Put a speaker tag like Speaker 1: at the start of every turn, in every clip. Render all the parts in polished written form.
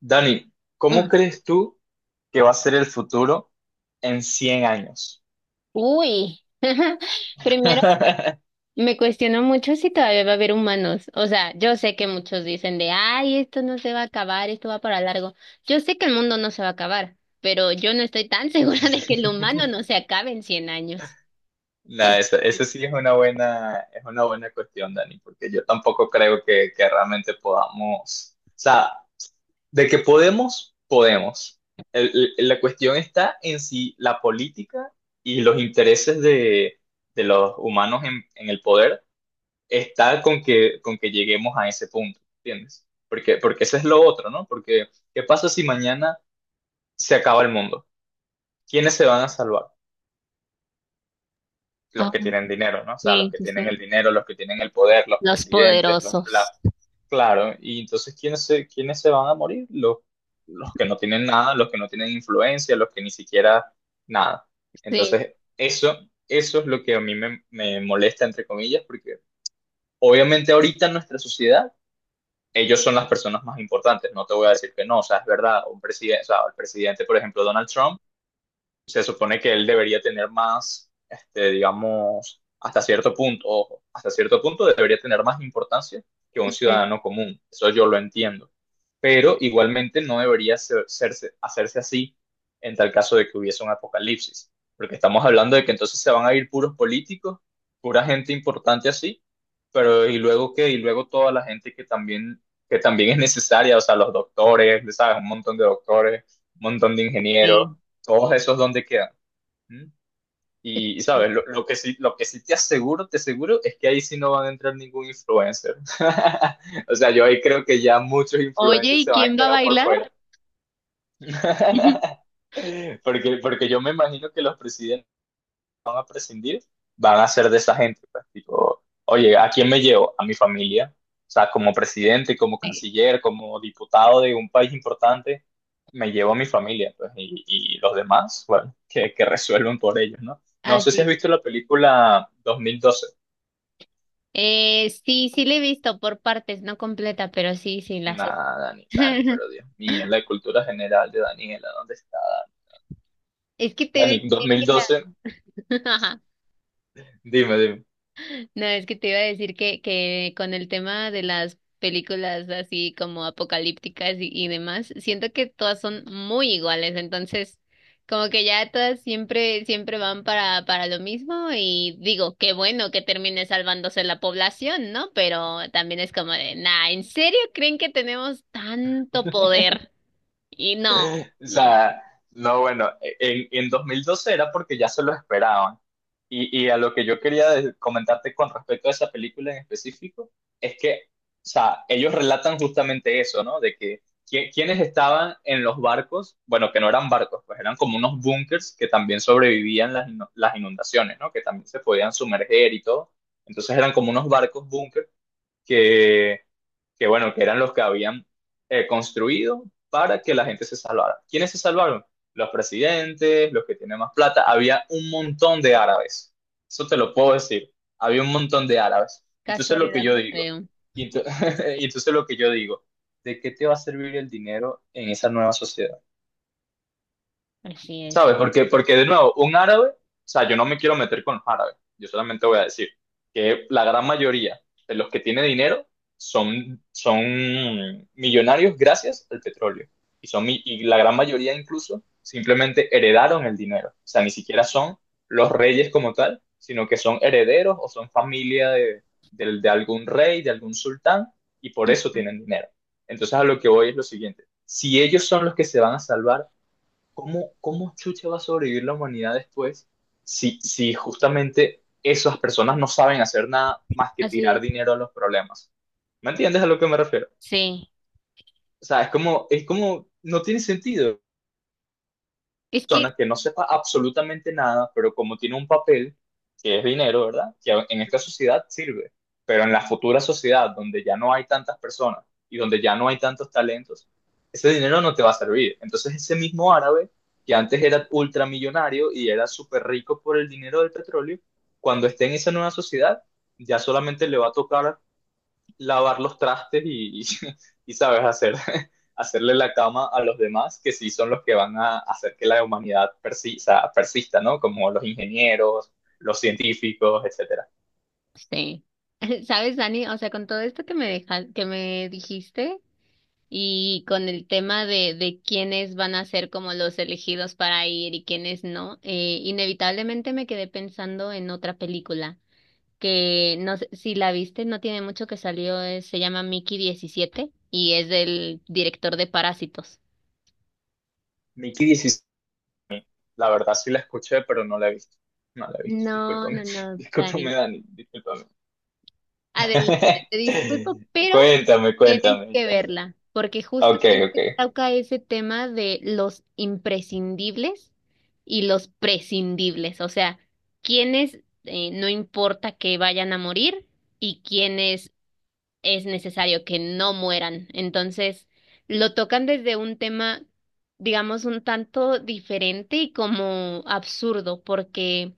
Speaker 1: Dani, ¿cómo
Speaker 2: Mm,
Speaker 1: crees tú que va a ser el futuro en 100 años?
Speaker 2: Uy, primero me cuestiono mucho si todavía va a haber humanos. O sea, yo sé que muchos dicen de, ay, esto no se va a acabar, esto va para largo. Yo sé que el mundo no se va a acabar, pero yo no estoy tan segura de que el humano no se acabe en 100 años.
Speaker 1: Nah,
Speaker 2: En-
Speaker 1: esa sí es una buena cuestión, Dani, porque yo tampoco creo que realmente podamos, o sea, de que podemos, podemos. La cuestión está en si la política y los intereses de los humanos en el poder está con con que lleguemos a ese punto, ¿entiendes? Porque, porque eso es lo otro, ¿no? Porque, ¿qué pasa si mañana se acaba el mundo? ¿Quiénes se van a salvar?
Speaker 2: Ah,
Speaker 1: Los que tienen dinero, ¿no? O sea, los
Speaker 2: sí,
Speaker 1: que
Speaker 2: sí,
Speaker 1: tienen el
Speaker 2: sí.
Speaker 1: dinero, los que tienen el poder, los
Speaker 2: Los
Speaker 1: presidentes,
Speaker 2: poderosos.
Speaker 1: claro. Y entonces, ¿quiénes se van a morir? Los que no tienen nada, los que no tienen influencia, los que ni siquiera nada.
Speaker 2: Sí.
Speaker 1: Entonces, eso es lo que a mí me molesta, entre comillas, porque obviamente ahorita en nuestra sociedad ellos son las personas más importantes, no te voy a decir que no, o sea, es verdad, un presidente, o sea, el presidente, por ejemplo, Donald Trump, se supone que él debería tener más, este, digamos, hasta cierto punto, ojo, hasta cierto punto debería tener más importancia que un
Speaker 2: Ujú.
Speaker 1: ciudadano común. Eso yo lo entiendo. Pero igualmente no debería hacerse así en tal caso de que hubiese un apocalipsis. Porque estamos hablando de que entonces se van a ir puros políticos, pura gente importante así, pero ¿y luego qué? Y luego toda la gente que que también es necesaria, o sea, los doctores, ¿sabes? Un montón de doctores, un montón de ingenieros,
Speaker 2: Sí.
Speaker 1: todos esos dónde quedan. ¿Mm?
Speaker 2: Sí.
Speaker 1: Sabes, lo que sí te aseguro, es que ahí sí no van a entrar ningún influencer. O sea, yo ahí creo que ya muchos
Speaker 2: Oye,
Speaker 1: influencers
Speaker 2: ¿y
Speaker 1: se van a
Speaker 2: quién va a
Speaker 1: quedar por
Speaker 2: bailar?
Speaker 1: fuera. Porque, porque yo me imagino que los presidentes van a prescindir, van a ser de esa gente. Pues, tipo, oye, ¿a quién me llevo? A mi familia. O sea, como presidente, como
Speaker 2: Sí.
Speaker 1: canciller, como diputado de un país importante, me llevo a mi familia. Pues, y los demás, bueno, que resuelven por ellos, ¿no? No sé si
Speaker 2: Así
Speaker 1: has
Speaker 2: es.
Speaker 1: visto la película 2012.
Speaker 2: Sí, sí la he visto por partes, no completa, pero sí, sí la sé.
Speaker 1: Nah, Dani, Dani, pero Dios mío, la cultura general de Daniela, ¿dónde está
Speaker 2: Es que te iba
Speaker 1: Dani?
Speaker 2: a
Speaker 1: Dani,
Speaker 2: decir que.
Speaker 1: 2012, dime, dime.
Speaker 2: No, es que te iba a decir que con el tema de las películas así como apocalípticas y demás, siento que todas son muy iguales, entonces como que ya todas siempre, siempre van para lo mismo y digo, qué bueno que termine salvándose la población, ¿no? Pero también es como de, nah, ¿en serio creen que tenemos tanto poder? Y no,
Speaker 1: O
Speaker 2: no,
Speaker 1: sea, no, bueno, en dos mil doce era porque ya se lo esperaban. Y a lo que yo quería comentarte con respecto a esa película en específico, es que, o sea, ellos relatan justamente eso, ¿no? De que quienes estaban en los barcos, bueno, que no eran barcos, pues eran como unos búnkers que también sobrevivían las inundaciones, ¿no? Que también se podían sumerger y todo. Entonces eran como unos barcos búnker que, que bueno, que eran los que habían construido para que la gente se salvara. ¿Quiénes se salvaron? Los presidentes, los que tienen más plata. Había un montón de árabes. Eso te lo puedo decir. Había un montón de árabes. Y tú sabes lo que
Speaker 2: casualidad
Speaker 1: yo
Speaker 2: no
Speaker 1: digo.
Speaker 2: creo.
Speaker 1: Y tú, y tú lo que yo digo. ¿De qué te va a servir el dinero en esa nueva sociedad?
Speaker 2: Así es.
Speaker 1: ¿Sabes? Porque, porque de nuevo, un árabe, o sea, yo no me quiero meter con los árabes, yo solamente voy a decir que la gran mayoría de los que tienen dinero son, son millonarios gracias al petróleo. Y la gran mayoría incluso simplemente heredaron el dinero. O sea, ni siquiera son los reyes como tal, sino que son herederos o son familia de algún rey, de algún sultán, y por eso
Speaker 2: Ujú.
Speaker 1: tienen dinero. Entonces a lo que voy es lo siguiente. Si ellos son los que se van a salvar, ¿cómo, cómo chucha va a sobrevivir la humanidad después si justamente esas personas no saben hacer nada más que
Speaker 2: Así
Speaker 1: tirar
Speaker 2: es.
Speaker 1: dinero a los problemas? ¿Me entiendes a lo que me refiero?
Speaker 2: Sí.
Speaker 1: O sea, es como, no tiene sentido
Speaker 2: Es que,
Speaker 1: persona que no sepa absolutamente nada, pero como tiene un papel, que es dinero, ¿verdad? Que en esta sociedad sirve, pero en la futura sociedad donde ya no hay tantas personas y donde ya no hay tantos talentos, ese dinero no te va a servir. Entonces ese mismo árabe que antes era ultramillonario y era súper rico por el dinero del petróleo, cuando esté en esa nueva sociedad, ya solamente le va a tocar lavar los trastes y, sabes hacer, hacerle la cama a los demás, que sí son los que van a hacer que la humanidad persista, persista, ¿no? Como los ingenieros, los científicos, etcétera.
Speaker 2: sí, sabes, Dani, o sea, con todo esto que me deja, que me dijiste y con el tema de quiénes van a ser como los elegidos para ir y quiénes no, inevitablemente me quedé pensando en otra película que no sé si la viste, no tiene mucho que salió, se llama Mickey diecisiete y es del director de Parásitos.
Speaker 1: Mickey 16, la verdad sí la escuché, pero no la he visto. No la he visto,
Speaker 2: No, no,
Speaker 1: discúlpame,
Speaker 2: no, Dani.
Speaker 1: discúlpame Dani, discúlpame.
Speaker 2: Adelante, te disculpo, pero
Speaker 1: Cuéntame,
Speaker 2: tienes
Speaker 1: cuéntame,
Speaker 2: que
Speaker 1: cuéntame.
Speaker 2: verla, porque
Speaker 1: Ok,
Speaker 2: justamente
Speaker 1: ok.
Speaker 2: toca ese tema de los imprescindibles y los prescindibles, o sea, quienes no importa que vayan a morir y quienes es necesario que no mueran. Entonces, lo tocan desde un tema, digamos, un tanto diferente y como absurdo, porque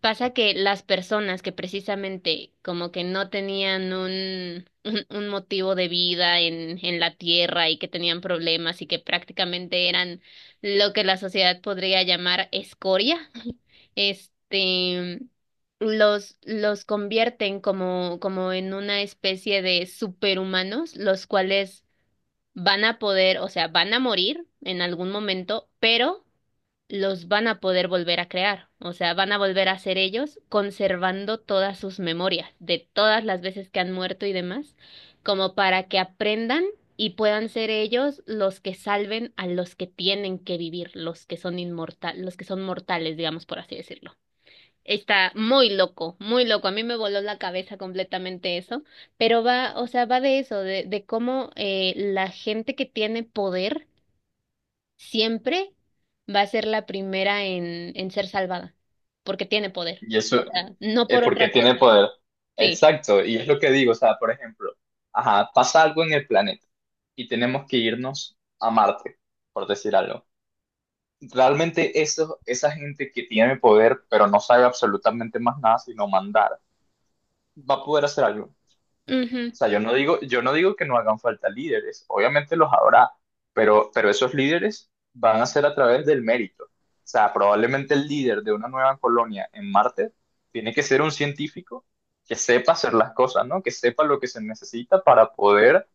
Speaker 2: pasa que las personas que precisamente como que no tenían un motivo de vida en la tierra y que tenían problemas y que prácticamente eran lo que la sociedad podría llamar escoria, este, los convierten como en una especie de superhumanos, los cuales van a poder, o sea, van a morir en algún momento, pero los van a poder volver a crear, o sea, van a volver a ser ellos, conservando todas sus memorias de todas las veces que han muerto y demás, como para que aprendan y puedan ser ellos los que salven a los que tienen que vivir, los que son inmortal, los que son mortales, digamos por así decirlo. Está muy loco, muy loco. A mí me voló la cabeza completamente eso, pero va, o sea, va de eso, de cómo la gente que tiene poder siempre va a ser la primera en ser salvada, porque tiene poder.
Speaker 1: Y eso,
Speaker 2: O sea, no por
Speaker 1: porque
Speaker 2: otra
Speaker 1: tiene
Speaker 2: cosa.
Speaker 1: poder.
Speaker 2: Sí.
Speaker 1: Exacto, y es lo que digo, o sea, por ejemplo, ajá, pasa algo en el planeta y tenemos que irnos a Marte, por decir algo. Realmente eso, esa gente que tiene poder, pero no sabe absolutamente más nada sino mandar, va a poder hacer algo.
Speaker 2: Ujú.
Speaker 1: O sea, yo no digo que no hagan falta líderes, obviamente los habrá, pero esos líderes van a ser a través del mérito. O sea, probablemente el líder de una nueva colonia en Marte tiene que ser un científico que sepa hacer las cosas, ¿no? Que sepa lo que se necesita para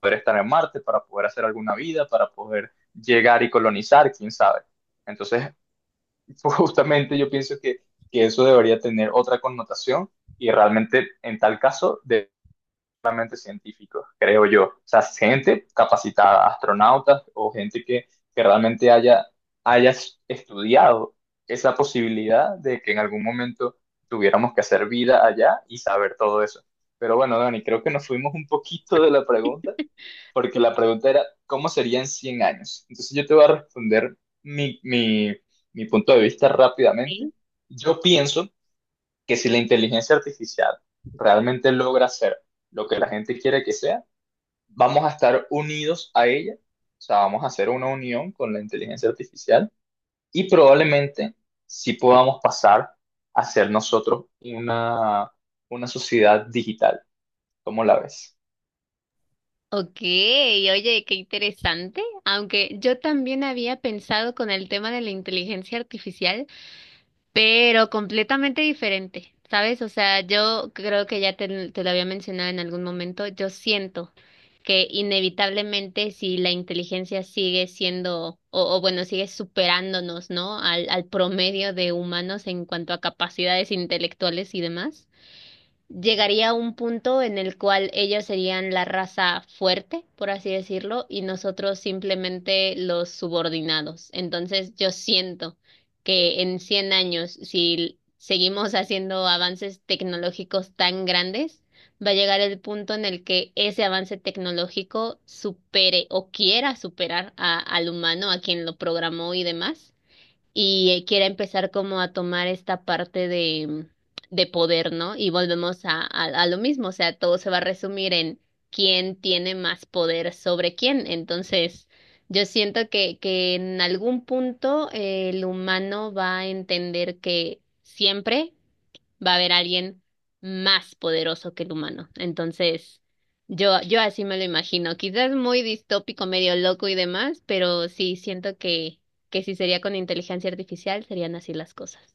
Speaker 1: poder estar en Marte, para poder hacer alguna vida, para poder llegar y colonizar, quién sabe. Entonces, justamente yo pienso que eso debería tener otra connotación y realmente en tal caso solamente científicos, creo yo. O sea, gente capacitada, astronautas o gente que realmente haya, haya estudiado esa posibilidad de que en algún momento tuviéramos que hacer vida allá y saber todo eso. Pero bueno, Dani, creo que nos fuimos un poquito de la pregunta, porque la pregunta era, ¿cómo serían 100 años? Entonces yo te voy a responder mi, mi, mi punto de vista rápidamente.
Speaker 2: Sí.
Speaker 1: Yo pienso que si la inteligencia artificial realmente logra hacer lo que la gente quiere que sea, vamos a estar unidos a ella, o sea, vamos a hacer una unión con la inteligencia artificial y probablemente sí podamos pasar a ser nosotros una sociedad digital. ¿Cómo la ves?
Speaker 2: Ok, oye, qué interesante. Aunque yo también había pensado con el tema de la inteligencia artificial, pero completamente diferente, ¿sabes? O sea, yo creo que ya te lo había mencionado en algún momento, yo siento que inevitablemente si la inteligencia sigue siendo, o bueno, sigue superándonos, ¿no? Al promedio de humanos en cuanto a capacidades intelectuales y demás llegaría a un punto en el cual ellos serían la raza fuerte, por así decirlo, y nosotros simplemente los subordinados. Entonces, yo siento que en 100 años, si seguimos haciendo avances tecnológicos tan grandes, va a llegar el punto en el que ese avance tecnológico supere o quiera superar al humano, a quien lo programó y demás y quiera empezar como a tomar esta parte de poder, ¿no? Y volvemos a lo mismo, o sea, todo se va a resumir en quién tiene más poder sobre quién. Entonces, yo siento que en algún punto el humano va a entender que siempre va a haber alguien más poderoso que el humano. Entonces, yo así me lo imagino. Quizás muy distópico, medio loco y demás, pero sí siento que si sería con inteligencia artificial, serían así las cosas.